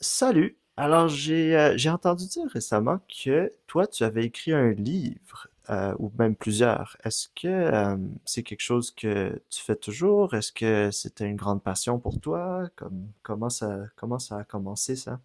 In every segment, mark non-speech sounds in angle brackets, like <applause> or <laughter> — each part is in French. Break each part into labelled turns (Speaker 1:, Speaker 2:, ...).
Speaker 1: Salut! Alors, j'ai entendu dire récemment que toi, tu avais écrit un livre, ou même plusieurs. Est-ce que C'est quelque chose que tu fais toujours? Est-ce que c'était une grande passion pour toi? Comment ça, comment ça a commencé, ça?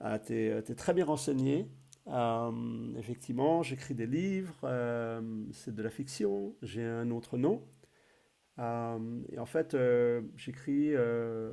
Speaker 2: Ah, tu es très bien renseigné. Effectivement, j'écris des livres, c'est de la fiction, j'ai un autre nom. Et en fait, j'écris,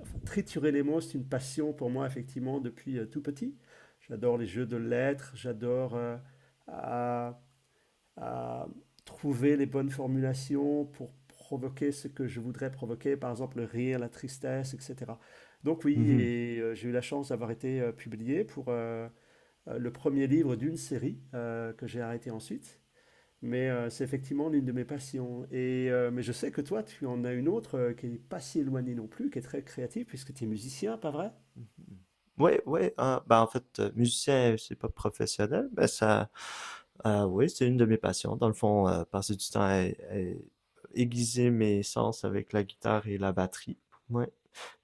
Speaker 2: enfin, triturer les mots, c'est une passion pour moi, effectivement, depuis tout petit. J'adore les jeux de lettres, j'adore à à trouver les bonnes formulations pour provoquer ce que je voudrais provoquer, par exemple le rire, la tristesse, etc. Donc oui,
Speaker 1: Mhm.
Speaker 2: et j'ai eu la chance d'avoir été publié pour le premier livre d'une série que j'ai arrêté ensuite. Mais c'est effectivement l'une de mes passions. Mais je sais que toi, tu en as une autre qui n'est pas si éloignée non plus, qui est très créative, puisque tu es musicien, pas vrai?
Speaker 1: Mhm. Oui, oui. Ah, ben, en fait, musicien, c'est pas professionnel, mais ça, oui, c'est une de mes passions. Dans le fond, passer du temps à aiguiser mes sens avec la guitare et la batterie. Oui.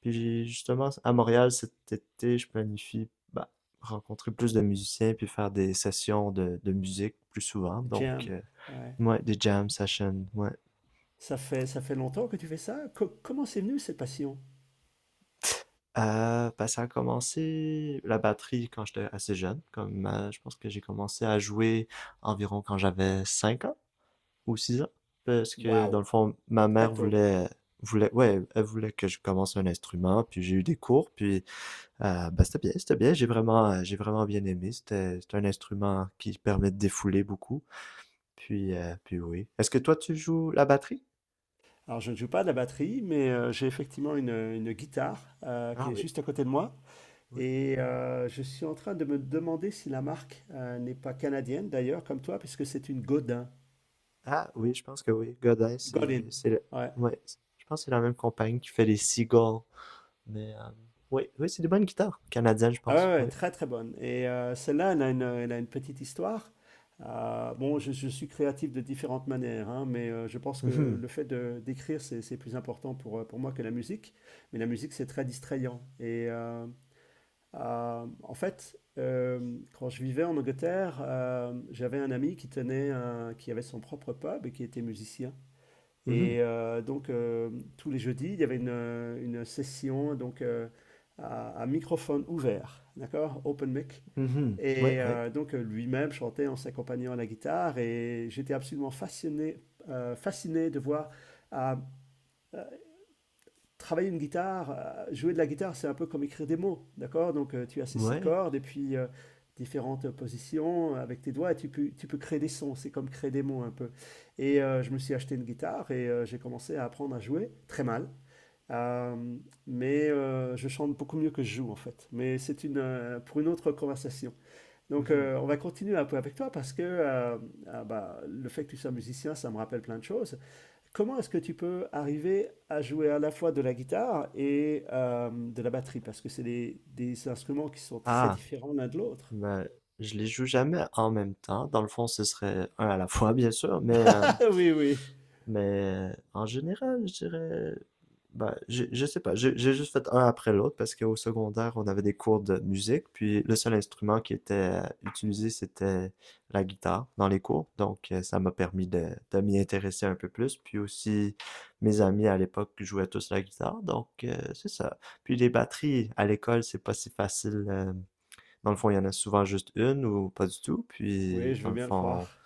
Speaker 1: Puis justement, à Montréal cet été, je planifie bah, rencontrer plus de musiciens puis faire des sessions de musique plus souvent. Donc,
Speaker 2: Jam. Ouais.
Speaker 1: ouais, des jam sessions, ouais.
Speaker 2: Ça fait longtemps que tu fais ça? Comment c'est venu cette passion?
Speaker 1: Ça a commencé la batterie quand j'étais assez jeune. Comme je pense que j'ai commencé à jouer environ quand j'avais 5 ans ou 6 ans. Parce que dans
Speaker 2: Waouh!
Speaker 1: le fond,
Speaker 2: Très tôt.
Speaker 1: voulait, ouais, elle voulait que je commence un instrument. Puis j'ai eu des cours. Puis c'était bien, c'était bien. J'ai vraiment bien aimé. C'est un instrument qui permet de défouler beaucoup. Puis puis oui. Est-ce que toi, tu joues la batterie?
Speaker 2: Alors, je ne joue pas de la batterie, mais j'ai effectivement une guitare qui
Speaker 1: Ah
Speaker 2: est
Speaker 1: oui,
Speaker 2: juste à
Speaker 1: oui.
Speaker 2: côté de moi.
Speaker 1: Oui.
Speaker 2: Je suis en train de me demander si la marque n'est pas canadienne, d'ailleurs, comme toi, puisque c'est une Godin.
Speaker 1: Ah oui, je pense que oui.
Speaker 2: Godin.
Speaker 1: C'est le-
Speaker 2: Ouais.
Speaker 1: ouais, c'est- je pense que c'est la même compagnie qui fait les Seagulls. Mais oui, oui, c'est des bonnes guitares canadiennes, je
Speaker 2: Ah
Speaker 1: pense.
Speaker 2: ouais, ouais,
Speaker 1: Oui.
Speaker 2: très très bonne. Celle-là, elle a une petite histoire. Bon, je suis créatif de différentes manières, hein, mais je pense que
Speaker 1: Mhm,
Speaker 2: le fait de d'écrire, c'est plus important pour moi que la musique. Mais la musique, c'est très distrayant. Et en fait, quand je vivais en Angleterre, j'avais un ami qui avait son propre pub et qui était musicien.
Speaker 1: mhm,
Speaker 2: Et euh, donc euh, Tous les jeudis, il y avait une session à microphone ouvert, d'accord, open mic.
Speaker 1: mhm. Ouais, ouais,
Speaker 2: Lui-même chantait en s'accompagnant à la guitare. Et j'étais absolument fasciné de voir. À travailler une guitare, jouer de la guitare, c'est un peu comme écrire des mots, d'accord? Tu as ces six
Speaker 1: ouais.
Speaker 2: cordes et puis différentes positions avec tes doigts et tu peux créer des sons, c'est comme créer des mots un peu. Je me suis acheté une guitare et j'ai commencé à apprendre à jouer très mal. Euh, mais je chante beaucoup mieux que je joue en fait. Mais c'est pour une autre conversation.
Speaker 1: Mhm.
Speaker 2: On va continuer un peu avec toi parce que ah bah, le fait que tu sois musicien, ça me rappelle plein de choses. Comment est-ce que tu peux arriver à jouer à la fois de la guitare et de la batterie? Parce que c'est des instruments qui sont très
Speaker 1: Ah,
Speaker 2: différents l'un de l'autre. <laughs>
Speaker 1: ben, je les joue jamais en même temps. Dans le fond, ce serait un à la fois, bien sûr. Mais
Speaker 2: Ah oui, oui,
Speaker 1: Mais en général, je dirais, bah, je sais pas, j'ai juste fait un après l'autre parce qu'au secondaire, on avait des cours de musique, puis le seul instrument qui était utilisé, c'était la guitare dans les cours. Donc, ça m'a permis de m'y intéresser un peu plus. Puis aussi, mes amis à l'époque jouaient tous la guitare, donc c'est ça. Puis les batteries à l'école, c'est pas si facile. Dans le fond, il y en a souvent juste une ou pas du tout. Puis,
Speaker 2: oui, je
Speaker 1: dans
Speaker 2: veux
Speaker 1: le
Speaker 2: bien le
Speaker 1: fond,
Speaker 2: croire.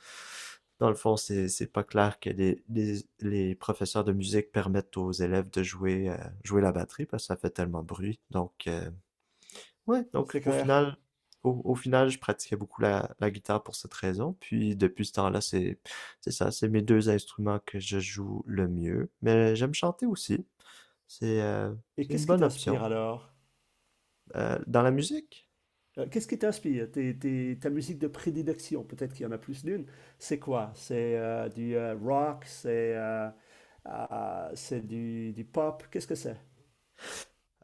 Speaker 1: Dans le fond, c'est pas clair que les professeurs de musique permettent aux élèves de jouer jouer la batterie parce que ça fait tellement de bruit. Donc ouais,
Speaker 2: C'est clair.
Speaker 1: au, au final, je pratiquais beaucoup la, la guitare pour cette raison. Puis depuis ce temps-là, c'est mes deux instruments que je joue le mieux. Mais j'aime chanter aussi. C'est euh,
Speaker 2: Et
Speaker 1: c'est une
Speaker 2: qu'est-ce qui
Speaker 1: bonne option.
Speaker 2: t'inspire alors?
Speaker 1: Dans la musique,
Speaker 2: Qu'est-ce qui t'inspire? Ta musique de prédilection, peut-être qu'il y en a plus d'une. C'est quoi? C'est du rock, ah, c'est du pop. Qu'est-ce que c'est?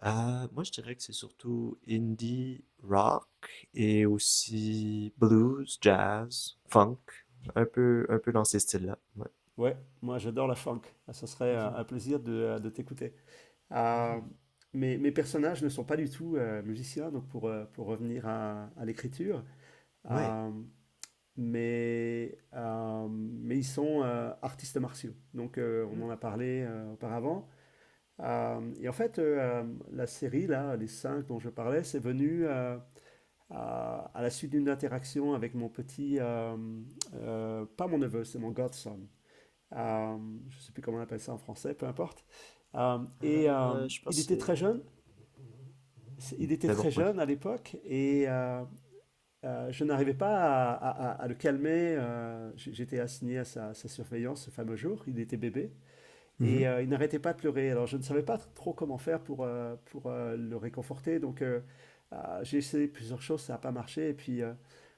Speaker 1: Moi, je dirais que c'est surtout indie, rock et aussi blues, jazz, funk, un peu dans ces styles-là. Ouais.
Speaker 2: Ouais, moi j'adore la funk. Ah, ça serait un,
Speaker 1: Mhm,
Speaker 2: un plaisir de t'écouter. Euh,
Speaker 1: mhm,
Speaker 2: mes personnages ne sont pas du tout musiciens, donc pour revenir à l'écriture,
Speaker 1: ouais.
Speaker 2: euh, mais ils sont artistes martiaux. On
Speaker 1: Hmm.
Speaker 2: en a parlé auparavant. La série, là, les cinq dont je parlais, c'est venu à la suite d'une interaction avec mon petit, pas mon neveu, c'est mon godson. Euh, je ne sais plus comment on appelle ça en français, peu importe. Euh, et euh,
Speaker 1: Je
Speaker 2: il
Speaker 1: pense que
Speaker 2: était très
Speaker 1: c'est.
Speaker 2: jeune, Il était
Speaker 1: Mais bon,
Speaker 2: très
Speaker 1: ouais.
Speaker 2: jeune à l'époque et je n'arrivais pas à le calmer. J'étais assigné à sa surveillance ce fameux jour. Il était bébé
Speaker 1: Mhm.
Speaker 2: et il n'arrêtait pas de pleurer. Alors je ne savais pas trop comment faire pour le réconforter. J'ai essayé plusieurs choses, ça n'a pas marché. Et puis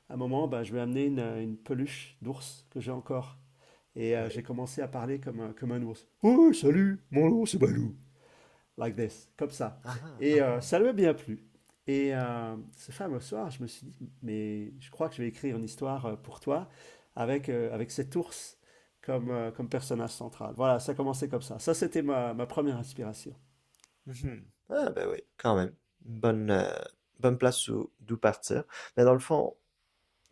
Speaker 2: à un moment, ben, je lui ai amené une peluche d'ours que j'ai encore. J'ai
Speaker 1: Ouais.
Speaker 2: commencé à parler comme un ours. Oh, salut, mon ours, c'est Balou like this, comme ça.
Speaker 1: Ah ah ah ah.
Speaker 2: Ça lui a bien plu. Ce fameux soir, je me suis dit, mais je crois que je vais écrire une histoire pour toi avec cet ours comme personnage central. Voilà, ça commençait comme ça. Ça, c'était ma première inspiration.
Speaker 1: Mhm. Ah, ben oui, quand même. Bonne bonne place où- d'où partir. Mais dans le fond,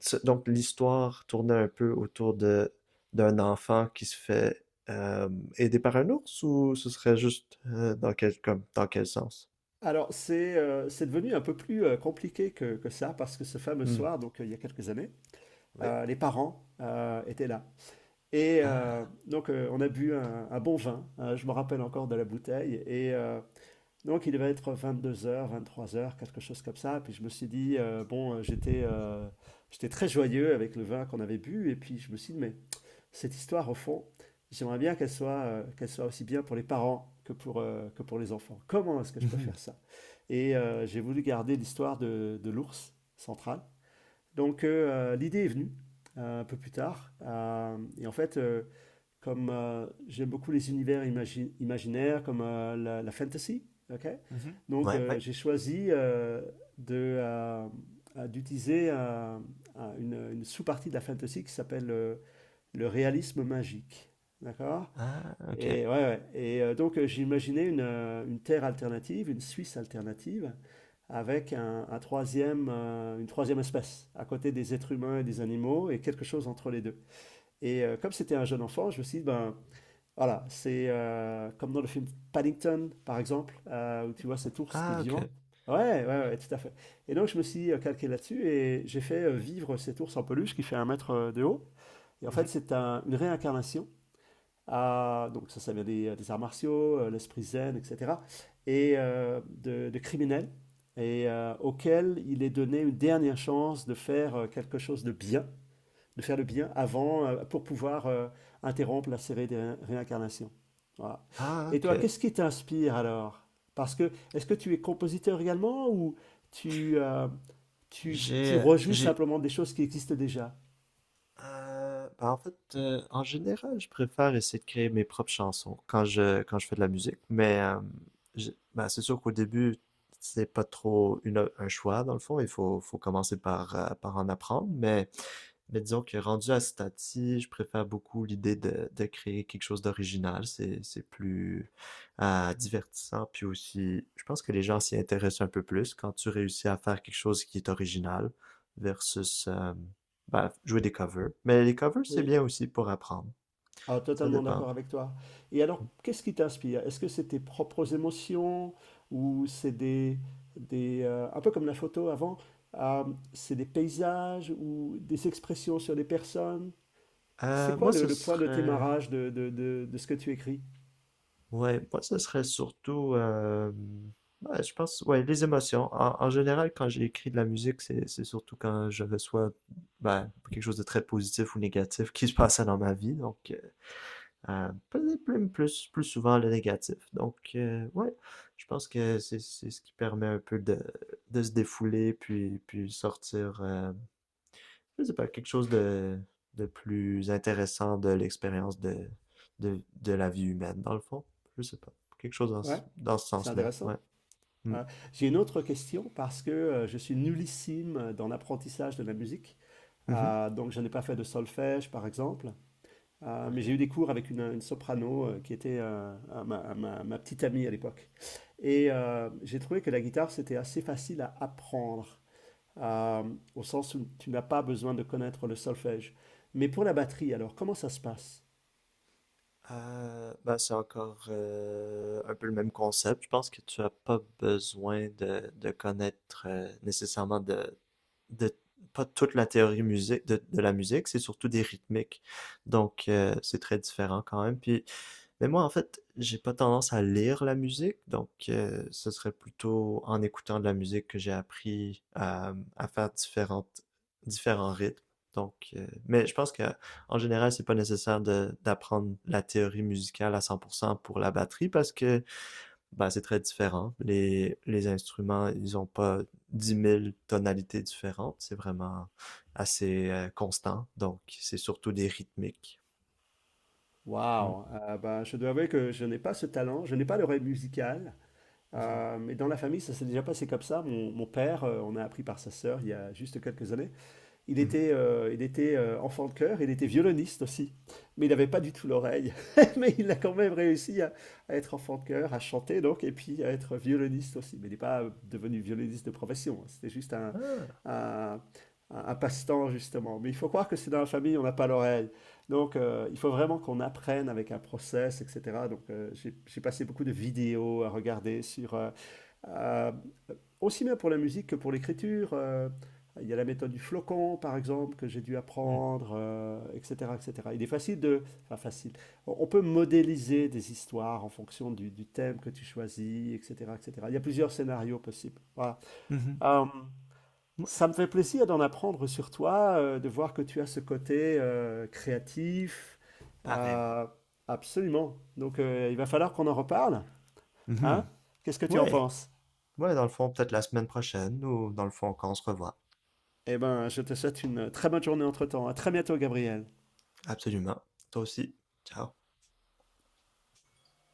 Speaker 1: Ce- Donc, l'histoire tournait un peu autour de d'un enfant qui se fait euh, aider par un ours, ou ce serait juste dans quel comme dans quel sens?
Speaker 2: Alors, c'est devenu un peu plus compliqué que ça, parce que ce fameux
Speaker 1: Hmm.
Speaker 2: soir, il y a quelques années,
Speaker 1: Oui.
Speaker 2: les parents étaient là.
Speaker 1: Ah.
Speaker 2: On a bu un bon vin. Je me rappelle encore de la bouteille. Et donc il devait être 22 h, 23 h, quelque chose comme ça. Puis je me suis dit, bon, j'étais très joyeux avec le vin qu'on avait bu. Et puis je me suis dit, mais cette histoire, au fond, j'aimerais bien qu'elle soit aussi bien pour les parents que pour les enfants. Comment est-ce que je peux
Speaker 1: Mhm,
Speaker 2: faire ça? J'ai voulu garder l'histoire de l'ours central. L'idée est venue un peu plus tard. Comme j'aime beaucoup les univers imaginaires, comme la fantasy. OK.
Speaker 1: mhm.
Speaker 2: Donc,
Speaker 1: Ouais, ouais.
Speaker 2: j'ai choisi de, euh, d'utiliser une sous-partie de la fantasy qui s'appelle le réalisme magique. D'accord?
Speaker 1: Ah, ok.
Speaker 2: Et, ouais, ouais. J'ai imaginé une Terre alternative, une Suisse alternative, avec une troisième espèce, à côté des êtres humains et des animaux, et quelque chose entre les deux. Comme c'était un jeune enfant, je me suis dit, ben, voilà, c'est comme dans le film Paddington, par exemple, où tu vois cet ours qui est
Speaker 1: Ah,
Speaker 2: vivant.
Speaker 1: ok.
Speaker 2: Ouais, ouais, ouais, ouais, tout à fait. Et donc, je me suis calqué là-dessus et j'ai fait vivre cet ours en peluche qui fait 1 mètre de haut. Et en fait,
Speaker 1: Mhm.
Speaker 2: c'est une réincarnation. Donc, ça vient des arts martiaux, l'esprit zen, etc. De criminels, et auquel il est donné une dernière chance de faire quelque chose de bien de faire le bien avant pour pouvoir interrompre la série des réincarnations. Voilà.
Speaker 1: Ah,
Speaker 2: Et
Speaker 1: ok.
Speaker 2: toi, qu'est-ce qui t'inspire alors? Parce que est-ce que tu es compositeur également, ou tu, euh, tu rejoues
Speaker 1: J'ai,
Speaker 2: simplement des choses qui existent déjà?
Speaker 1: Ben en fait, en général, je préfère essayer de créer mes propres chansons quand je fais de la musique. Mais j'ai- ben, c'est sûr qu'au début, c'est pas trop un choix dans le fond. Il faut commencer par par en apprendre. Mais disons que rendu à ce stade-ci, je préfère beaucoup l'idée de créer quelque chose d'original. C'est plus divertissant. Puis aussi, je pense que les gens s'y intéressent un peu plus quand tu réussis à faire quelque chose qui est original versus ben, jouer des covers. Mais les covers, c'est
Speaker 2: Oui,
Speaker 1: bien aussi pour apprendre.
Speaker 2: ah,
Speaker 1: Ça
Speaker 2: totalement
Speaker 1: dépend.
Speaker 2: d'accord avec toi. Et alors, qu'est-ce qui t'inspire? Est-ce que c'est tes propres émotions ou c'est des, un peu comme la photo avant, euh, c'est des paysages ou des expressions sur des personnes? C'est quoi
Speaker 1: Moi,
Speaker 2: le,
Speaker 1: ce
Speaker 2: le point de
Speaker 1: serait
Speaker 2: démarrage de ce que tu écris?
Speaker 1: ouais, moi, ce serait surtout, ouais, je pense, ouais, les émotions. En, en général, quand j'ai écrit de la musique, c'est surtout quand j'avais soit ben, quelque chose de très positif ou négatif qui se passait dans ma vie. Donc, peut-être plus souvent le négatif. Donc, ouais, je pense que c'est ce qui permet un peu de se défouler, puis, puis sortir. Je sais pas, quelque chose de plus intéressant de l'expérience de, de la vie humaine, dans le fond. Je sais pas. Quelque chose
Speaker 2: Ouais,
Speaker 1: dans, dans ce
Speaker 2: c'est
Speaker 1: sens-là. Ouais.
Speaker 2: intéressant.
Speaker 1: Mm.
Speaker 2: Ouais. J'ai une autre question parce que je suis nullissime dans l'apprentissage de la musique.
Speaker 1: Mhm.
Speaker 2: Donc, je n'ai pas fait de solfège, par exemple. Mais
Speaker 1: Ok.
Speaker 2: j'ai eu des cours avec une soprano qui était ma petite amie à l'époque. J'ai trouvé que la guitare, c'était assez facile à apprendre, euh, au sens où tu n'as pas besoin de connaître le solfège. Mais pour la batterie, alors, comment ça se passe?
Speaker 1: Ben, c'est encore un peu le même concept. Je pense que tu as pas besoin de connaître nécessairement de pas toute la théorie musique de la musique, c'est surtout des rythmiques. Donc c'est très différent quand même. Puis mais moi, en fait, j'ai pas tendance à lire la musique, donc ce serait plutôt en écoutant de la musique que j'ai appris à faire différentes, différents rythmes. Donc, mais je pense que en général, c'est pas nécessaire de, d'apprendre la théorie musicale à 100% pour cent pour la batterie parce que bah, c'est très différent. Les instruments, ils ont pas 10 000 tonalités différentes. C'est vraiment assez constant. Donc, c'est surtout des rythmiques. Mm.
Speaker 2: Waouh! Ben, je dois avouer que je n'ai pas ce talent, je n'ai pas l'oreille musicale,
Speaker 1: Mhm.
Speaker 2: mais dans la famille, ça s'est déjà passé comme ça. Mon père, on a appris par sa sœur il y a juste quelques années. il
Speaker 1: Mhm.
Speaker 2: était, euh, il était euh, enfant de chœur, il était violoniste aussi, mais il n'avait pas du tout l'oreille. <laughs> Mais il a quand même réussi à être enfant de chœur, à chanter donc, et puis à être violoniste aussi. Mais il n'est pas devenu violoniste de profession, hein. C'était juste
Speaker 1: Ah.
Speaker 2: un, un passe-temps justement. Mais il faut croire que c'est dans la famille, on n'a pas l'oreille. Il faut vraiment qu'on apprenne avec un process, etc. J'ai passé beaucoup de vidéos à regarder sur euh, aussi bien pour la musique que pour l'écriture. Il y a la méthode du flocon, par exemple, que j'ai dû
Speaker 1: Hmm.
Speaker 2: apprendre, etc., etc. Il est facile de. Enfin, facile. On peut modéliser des histoires en fonction du thème que tu choisis, etc., etc. Il y a plusieurs scénarios possibles. Voilà.
Speaker 1: Mhm.
Speaker 2: Euh,
Speaker 1: Ouais,
Speaker 2: Ça me fait plaisir d'en apprendre sur toi, de voir que tu as ce côté créatif.
Speaker 1: pareillement.
Speaker 2: Euh, Absolument. Donc, il va falloir qu'on en reparle.
Speaker 1: Mmh
Speaker 2: Hein?
Speaker 1: mh.
Speaker 2: Qu'est-ce que tu en
Speaker 1: Ouais,
Speaker 2: penses?
Speaker 1: ouais, dans le fond, peut-être la semaine prochaine ou dans le fond, quand on se revoit.
Speaker 2: Eh ben, je te souhaite une très bonne journée entre-temps. À très bientôt, Gabriel.
Speaker 1: Absolument. Toi aussi. Ciao.